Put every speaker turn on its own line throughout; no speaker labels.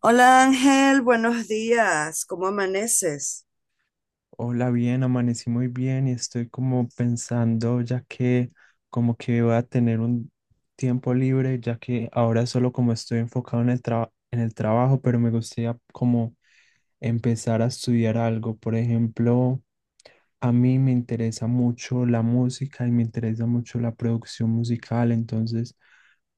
Hola, Ángel, buenos días, ¿cómo amaneces?
Hola, bien, amanecí muy bien y estoy como pensando ya que como que voy a tener un tiempo libre, ya que ahora solo como estoy enfocado en el en el trabajo, pero me gustaría como empezar a estudiar algo. Por ejemplo, a mí me interesa mucho la música y me interesa mucho la producción musical. Entonces,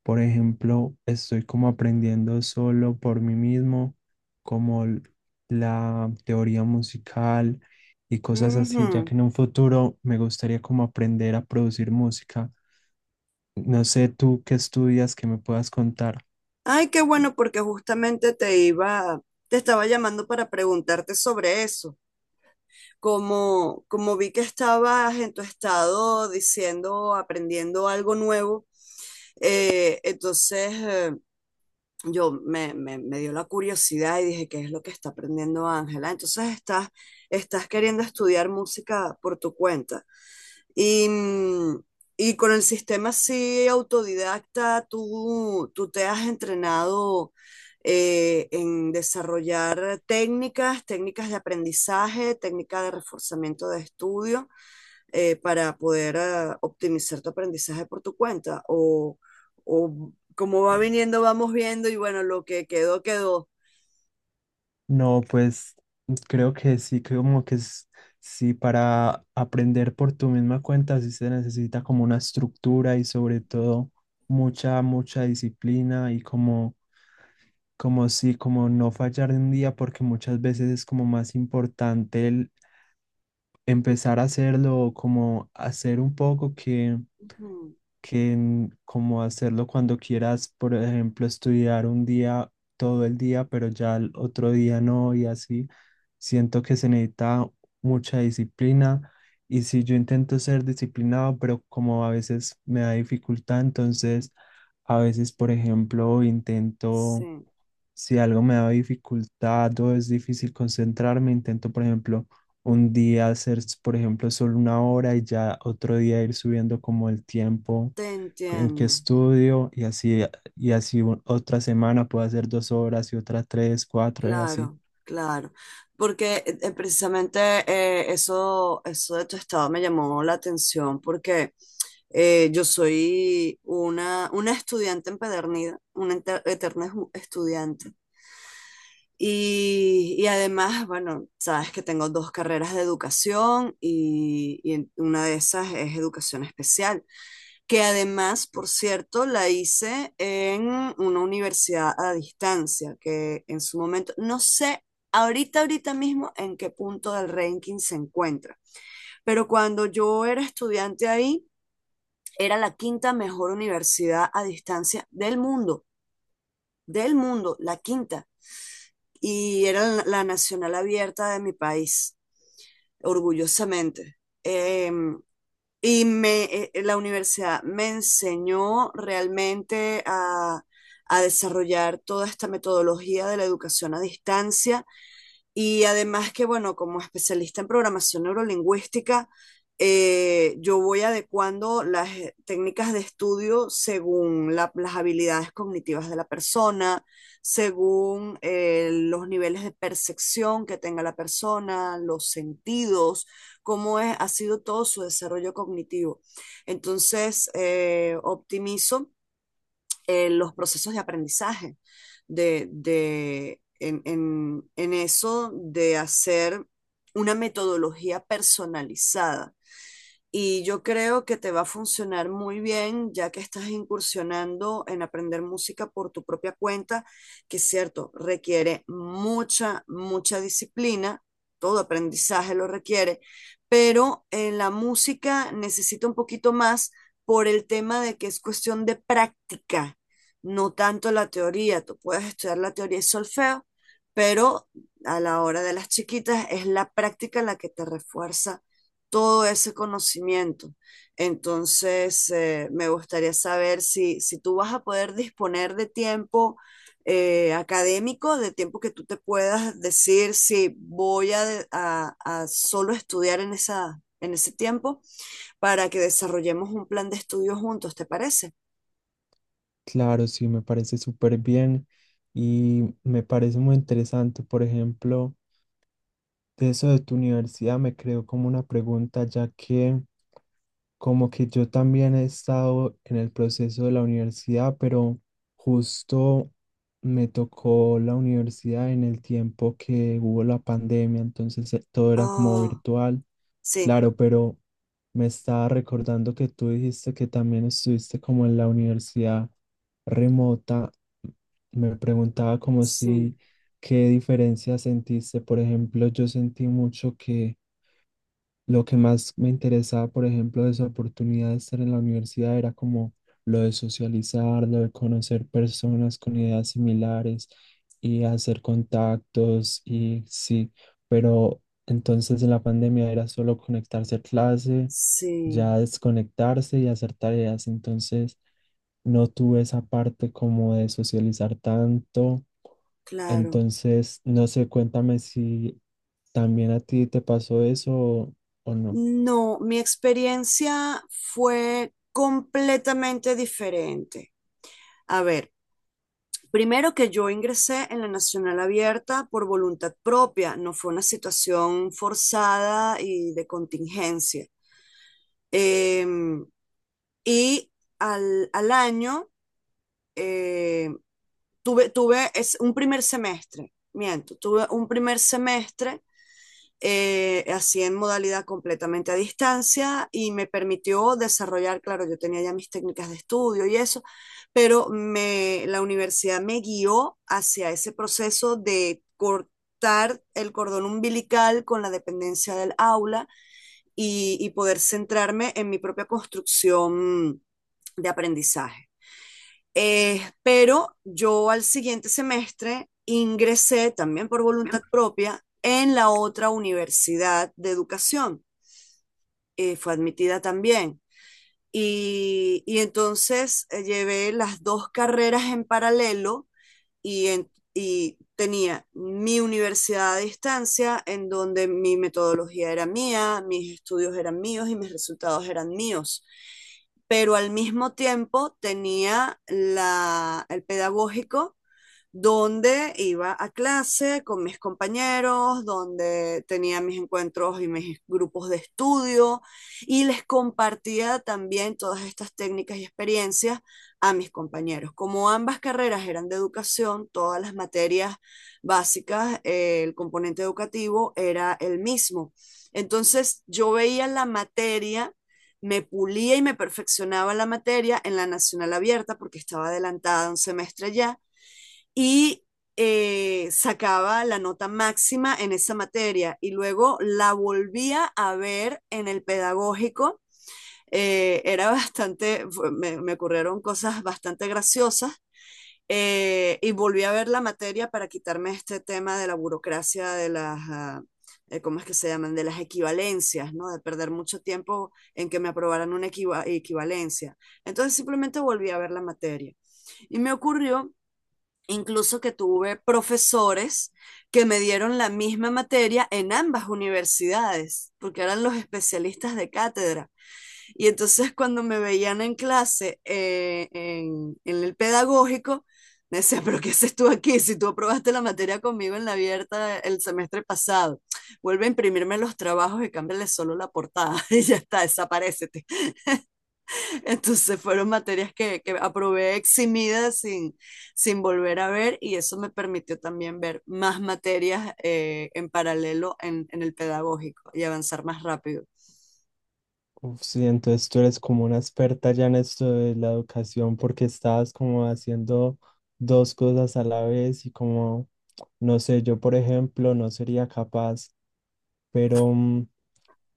por ejemplo, estoy como aprendiendo solo por mí mismo, como la teoría musical y cosas así, ya
Ujú.
que en un futuro me gustaría como aprender a producir música. No sé tú qué estudias que me puedas contar.
Ay, qué bueno, porque justamente te iba, te estaba llamando para preguntarte sobre eso. Como, como vi que estabas en tu estado diciendo, aprendiendo algo nuevo, entonces me dio la curiosidad y dije, ¿qué es lo que está aprendiendo Ángela? Entonces estás, estás queriendo estudiar música por tu cuenta. Y, mm, y con el sistema así autodidacta, tú te has entrenado en desarrollar técnicas, técnicas de aprendizaje, técnicas de reforzamiento de estudio, para poder optimizar tu aprendizaje por tu cuenta. O como va viniendo, vamos viendo y bueno, lo que quedó, quedó.
No, pues creo que sí, que como que es, sí, para aprender por tu misma cuenta sí se necesita como una estructura y sobre todo mucha, mucha disciplina y como, como sí, como no fallar un día, porque muchas veces es como más importante el empezar a hacerlo, o como hacer un poco que
Ujú.
que mm, como hacerlo cuando quieras. Por ejemplo, estudiar un día, todo el día, pero ya el otro día no, y así. Siento que se necesita mucha disciplina, y si yo intento ser disciplinado, pero como a veces me da dificultad. Entonces a veces, por ejemplo, intento...
Sí,
Si algo me da dificultad o es difícil concentrarme, intento, por ejemplo, un día hacer, por ejemplo, solo una hora y ya otro día ir subiendo como el tiempo
te
en que
entiendo.
estudio, y así, y así otra semana puedo hacer dos horas y otra tres, cuatro y así.
Claro, claro. Porque precisamente eso, eso de tu estado me llamó la atención porque yo soy una estudiante empedernida, una eterna estudiante. Y además, bueno, sabes que tengo dos carreras de educación y, una de esas es educación especial, que además, por cierto, la hice en una universidad a distancia, que en su momento, no sé ahorita, ahorita mismo en qué punto del ranking se encuentra, pero cuando yo era estudiante ahí, era la quinta mejor universidad a distancia del mundo, la quinta, y era la Nacional Abierta de mi país, orgullosamente. Eh, Y me, la universidad me enseñó realmente a desarrollar toda esta metodología de la educación a distancia, y además que, bueno, como especialista en programación neurolingüística, yo voy adecuando las técnicas de estudio según las habilidades cognitivas de la persona, según los niveles de percepción que tenga la persona, los sentidos, ha sido todo su desarrollo cognitivo. Entonces, optimizo los procesos de aprendizaje, en eso de hacer una metodología personalizada, y yo creo que te va a funcionar muy bien, ya que estás incursionando en aprender música por tu propia cuenta, que es cierto, requiere mucha, mucha disciplina, todo aprendizaje lo requiere, pero en la música necesita un poquito más por el tema de que es cuestión de práctica, no tanto la teoría. Tú puedes estudiar la teoría y solfeo, pero a la hora de las chiquitas es la práctica la que te refuerza todo ese conocimiento. Entonces, me gustaría saber si, si tú vas a poder disponer de tiempo académico, de tiempo que tú te puedas decir si voy a, a solo estudiar en esa, en ese tiempo, para que desarrollemos un plan de estudio juntos, ¿te parece?
Claro, sí, me parece súper bien y me parece muy interesante. Por ejemplo, de eso de tu universidad me creo como una pregunta, ya que como que yo también he estado en el proceso de la universidad, pero justo me tocó la universidad en el tiempo que hubo la pandemia. Entonces todo era como
Ah,
virtual,
sí,
claro, pero me estaba recordando que tú dijiste que también estuviste como en la universidad remota. Me preguntaba como
sí,
si, ¿qué diferencia sentiste? Por ejemplo, yo sentí mucho que lo que más me interesaba, por ejemplo, de esa oportunidad de estar en la universidad era como lo de socializar, lo de conocer personas con ideas similares y hacer contactos y sí, pero entonces en la pandemia era solo conectarse a clase,
sí,
ya desconectarse y hacer tareas. Entonces no tuve esa parte como de socializar tanto.
claro.
Entonces, no sé, cuéntame si también a ti te pasó eso, o no.
No, mi experiencia fue completamente diferente. A ver, primero que yo ingresé en la Nacional Abierta por voluntad propia, no fue una situación forzada y de contingencia. Eh, y al, al año eh, tuve, tuve es un primer semestre, miento, tuve un primer semestre así en modalidad completamente a distancia, y me permitió desarrollar, claro, yo tenía ya mis técnicas de estudio y eso, pero me, la universidad me guió hacia ese proceso de cortar el cordón umbilical con la dependencia del aula, y poder centrarme en mi propia construcción de aprendizaje. Pero yo al siguiente semestre ingresé también por voluntad propia en la otra universidad de educación. Fue admitida también. Y entonces llevé las dos carreras en paralelo, y, y tenía mi universidad a distancia en donde mi metodología era mía, mis estudios eran míos y mis resultados eran míos. Pero al mismo tiempo tenía la, el pedagógico, donde iba a clase con mis compañeros, donde tenía mis encuentros y mis grupos de estudio, y les compartía también todas estas técnicas y experiencias a mis compañeros. Como ambas carreras eran de educación, todas las materias básicas, el componente educativo era el mismo. Entonces yo veía la materia, me pulía y me perfeccionaba la materia en la Nacional Abierta porque estaba adelantada un semestre ya, y sacaba la nota máxima en esa materia y luego la volvía a ver en el pedagógico. Era bastante, me, ocurrieron cosas bastante graciosas, y volví a ver la materia para quitarme este tema de la burocracia de las... Uh, ¿cómo es que se llaman? De las equivalencias, ¿no? De perder mucho tiempo en que me aprobaran una equivalencia. Entonces simplemente volví a ver la materia. Y me ocurrió incluso que tuve profesores que me dieron la misma materia en ambas universidades, porque eran los especialistas de cátedra. Y entonces cuando me veían en clase, en el pedagógico, me decía, pero ¿qué haces tú aquí si tú aprobaste la materia conmigo en la abierta el semestre pasado? Vuelve a imprimirme los trabajos y cámbiale solo la portada y ya está, desaparecete. Entonces fueron materias que aprobé eximidas sin, sin volver a ver, y eso me permitió también ver más materias en paralelo en el pedagógico y avanzar más rápido.
Uf, sí, entonces tú eres como una experta ya en esto de la educación porque estabas como haciendo dos cosas a la vez y como, no sé, yo por ejemplo no sería capaz, pero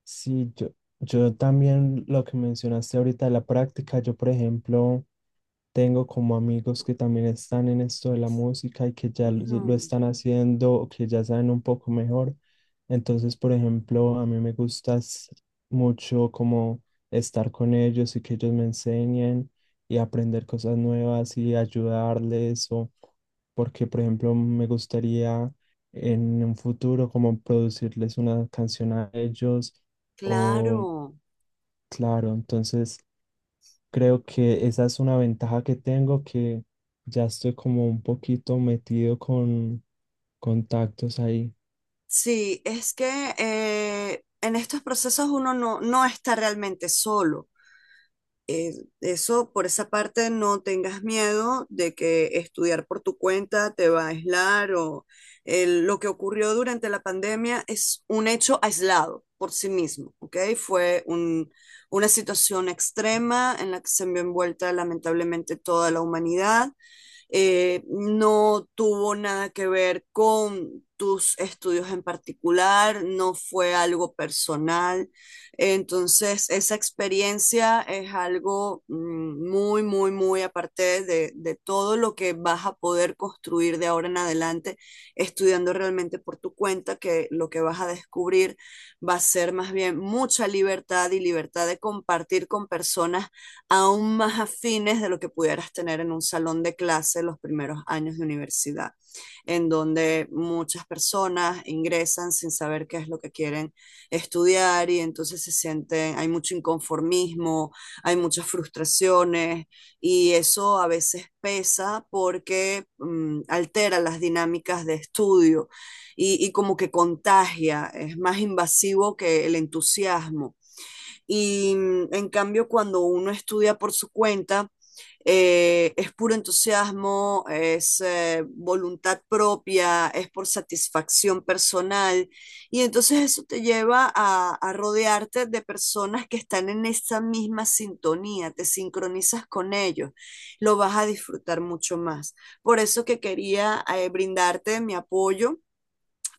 sí, yo también lo que mencionaste ahorita de la práctica. Yo por ejemplo tengo como amigos que también están en esto de la música y que ya lo
Ujú,
están haciendo o que ya saben un poco mejor. Entonces, por ejemplo, a mí me gusta mucho como estar con ellos y que ellos me enseñen y aprender cosas nuevas y ayudarles. O porque, por ejemplo, me gustaría en un futuro como producirles una canción a ellos. Oh,
claro.
claro, entonces creo que esa es una ventaja que tengo, que ya estoy como un poquito metido con contactos ahí.
Sí, es que en estos procesos uno no, no está realmente solo. eh, Eso, por esa parte, no tengas miedo de que estudiar por tu cuenta te va a aislar, o lo que ocurrió durante la pandemia es un hecho aislado por sí mismo, ¿ok? Una situación extrema en la que se vio envuelta lamentablemente toda la humanidad. No tuvo nada que ver con tus estudios en particular, no fue algo personal. Entonces, esa experiencia es algo muy, muy, muy aparte de todo lo que vas a poder construir de ahora en adelante, estudiando realmente por tu cuenta, que lo que vas a descubrir va a ser más bien mucha libertad, y libertad de compartir con personas aún más afines de lo que pudieras tener en un salón de clase los primeros años de universidad, en donde muchas personas ingresan sin saber qué es lo que quieren estudiar, y entonces se sienten, hay mucho inconformismo, hay muchas frustraciones, y eso a veces pesa porque altera las dinámicas de estudio, y como que contagia, es más invasivo que el entusiasmo. Y en cambio, cuando uno estudia por su cuenta, es puro entusiasmo, es voluntad propia, es por satisfacción personal. Y entonces eso te lleva a rodearte de personas que están en esa misma sintonía, te sincronizas con ellos, lo vas a disfrutar mucho más. Por eso que quería brindarte mi apoyo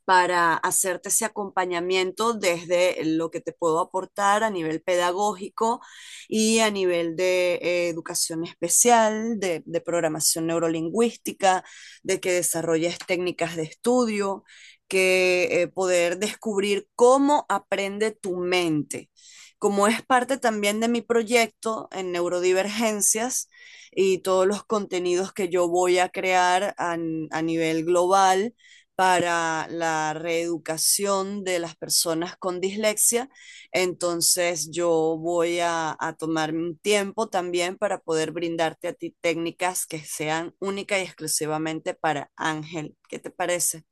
para hacerte ese acompañamiento desde lo que te puedo aportar a nivel pedagógico, y a nivel de educación especial, de programación neurolingüística, de que desarrolles técnicas de estudio, que poder descubrir cómo aprende tu mente. Como es parte también de mi proyecto en neurodivergencias y todos los contenidos que yo voy a crear a nivel global, para la reeducación de las personas con dislexia. Entonces yo voy a tomarme un tiempo también para poder brindarte a ti técnicas que sean únicas y exclusivamente para Ángel. ¿Qué te parece?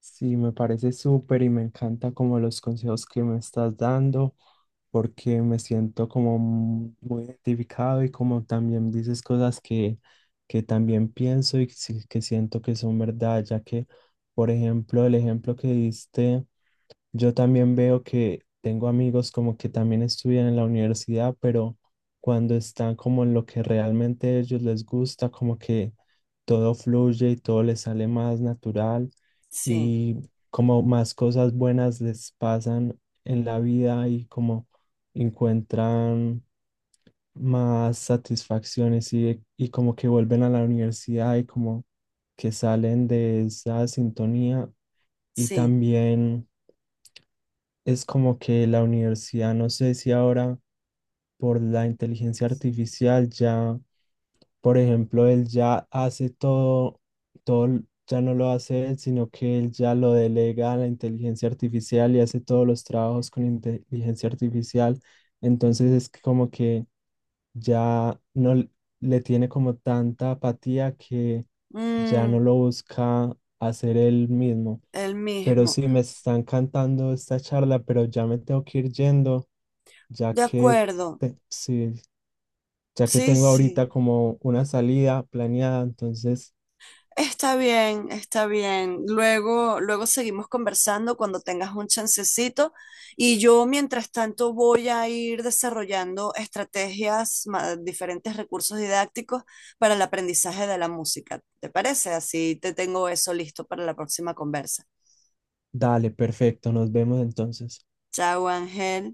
Sí, me parece súper y me encanta como los consejos que me estás dando, porque me siento como muy identificado y como también dices cosas que también pienso y que siento que son verdad, ya que, por ejemplo, el ejemplo que diste. Yo también veo que tengo amigos como que también estudian en la universidad, pero cuando están como en lo que realmente a ellos les gusta, como que todo fluye y todo les sale más natural,
Sí,
y como más cosas buenas les pasan en la vida, y como encuentran más satisfacciones, y como que vuelven a la universidad y como que salen de esa sintonía. Y
sí.
también es como que la universidad, no sé si ahora por la inteligencia artificial ya, por ejemplo, él ya hace todo, todo, ya no lo hace él, sino que él ya lo delega a la inteligencia artificial y hace todos los trabajos con inteligencia artificial. Entonces es que como que ya no l- le tiene como tanta apatía que ya
Mm,
no lo busca hacer él mismo.
el
Pero
mismo.
sí, me están cantando esta charla, pero ya me tengo que ir yendo, ya
De
que,
acuerdo.
sí, ya que
Sí,
tengo ahorita
sí.
como una salida planeada. Entonces,
Está bien, está bien. Luego, luego seguimos conversando cuando tengas un chancecito, y yo mientras tanto voy a ir desarrollando estrategias, diferentes recursos didácticos para el aprendizaje de la música. ¿Te parece? Así te tengo eso listo para la próxima conversa.
dale, perfecto, nos vemos entonces.
Chao, Ángel.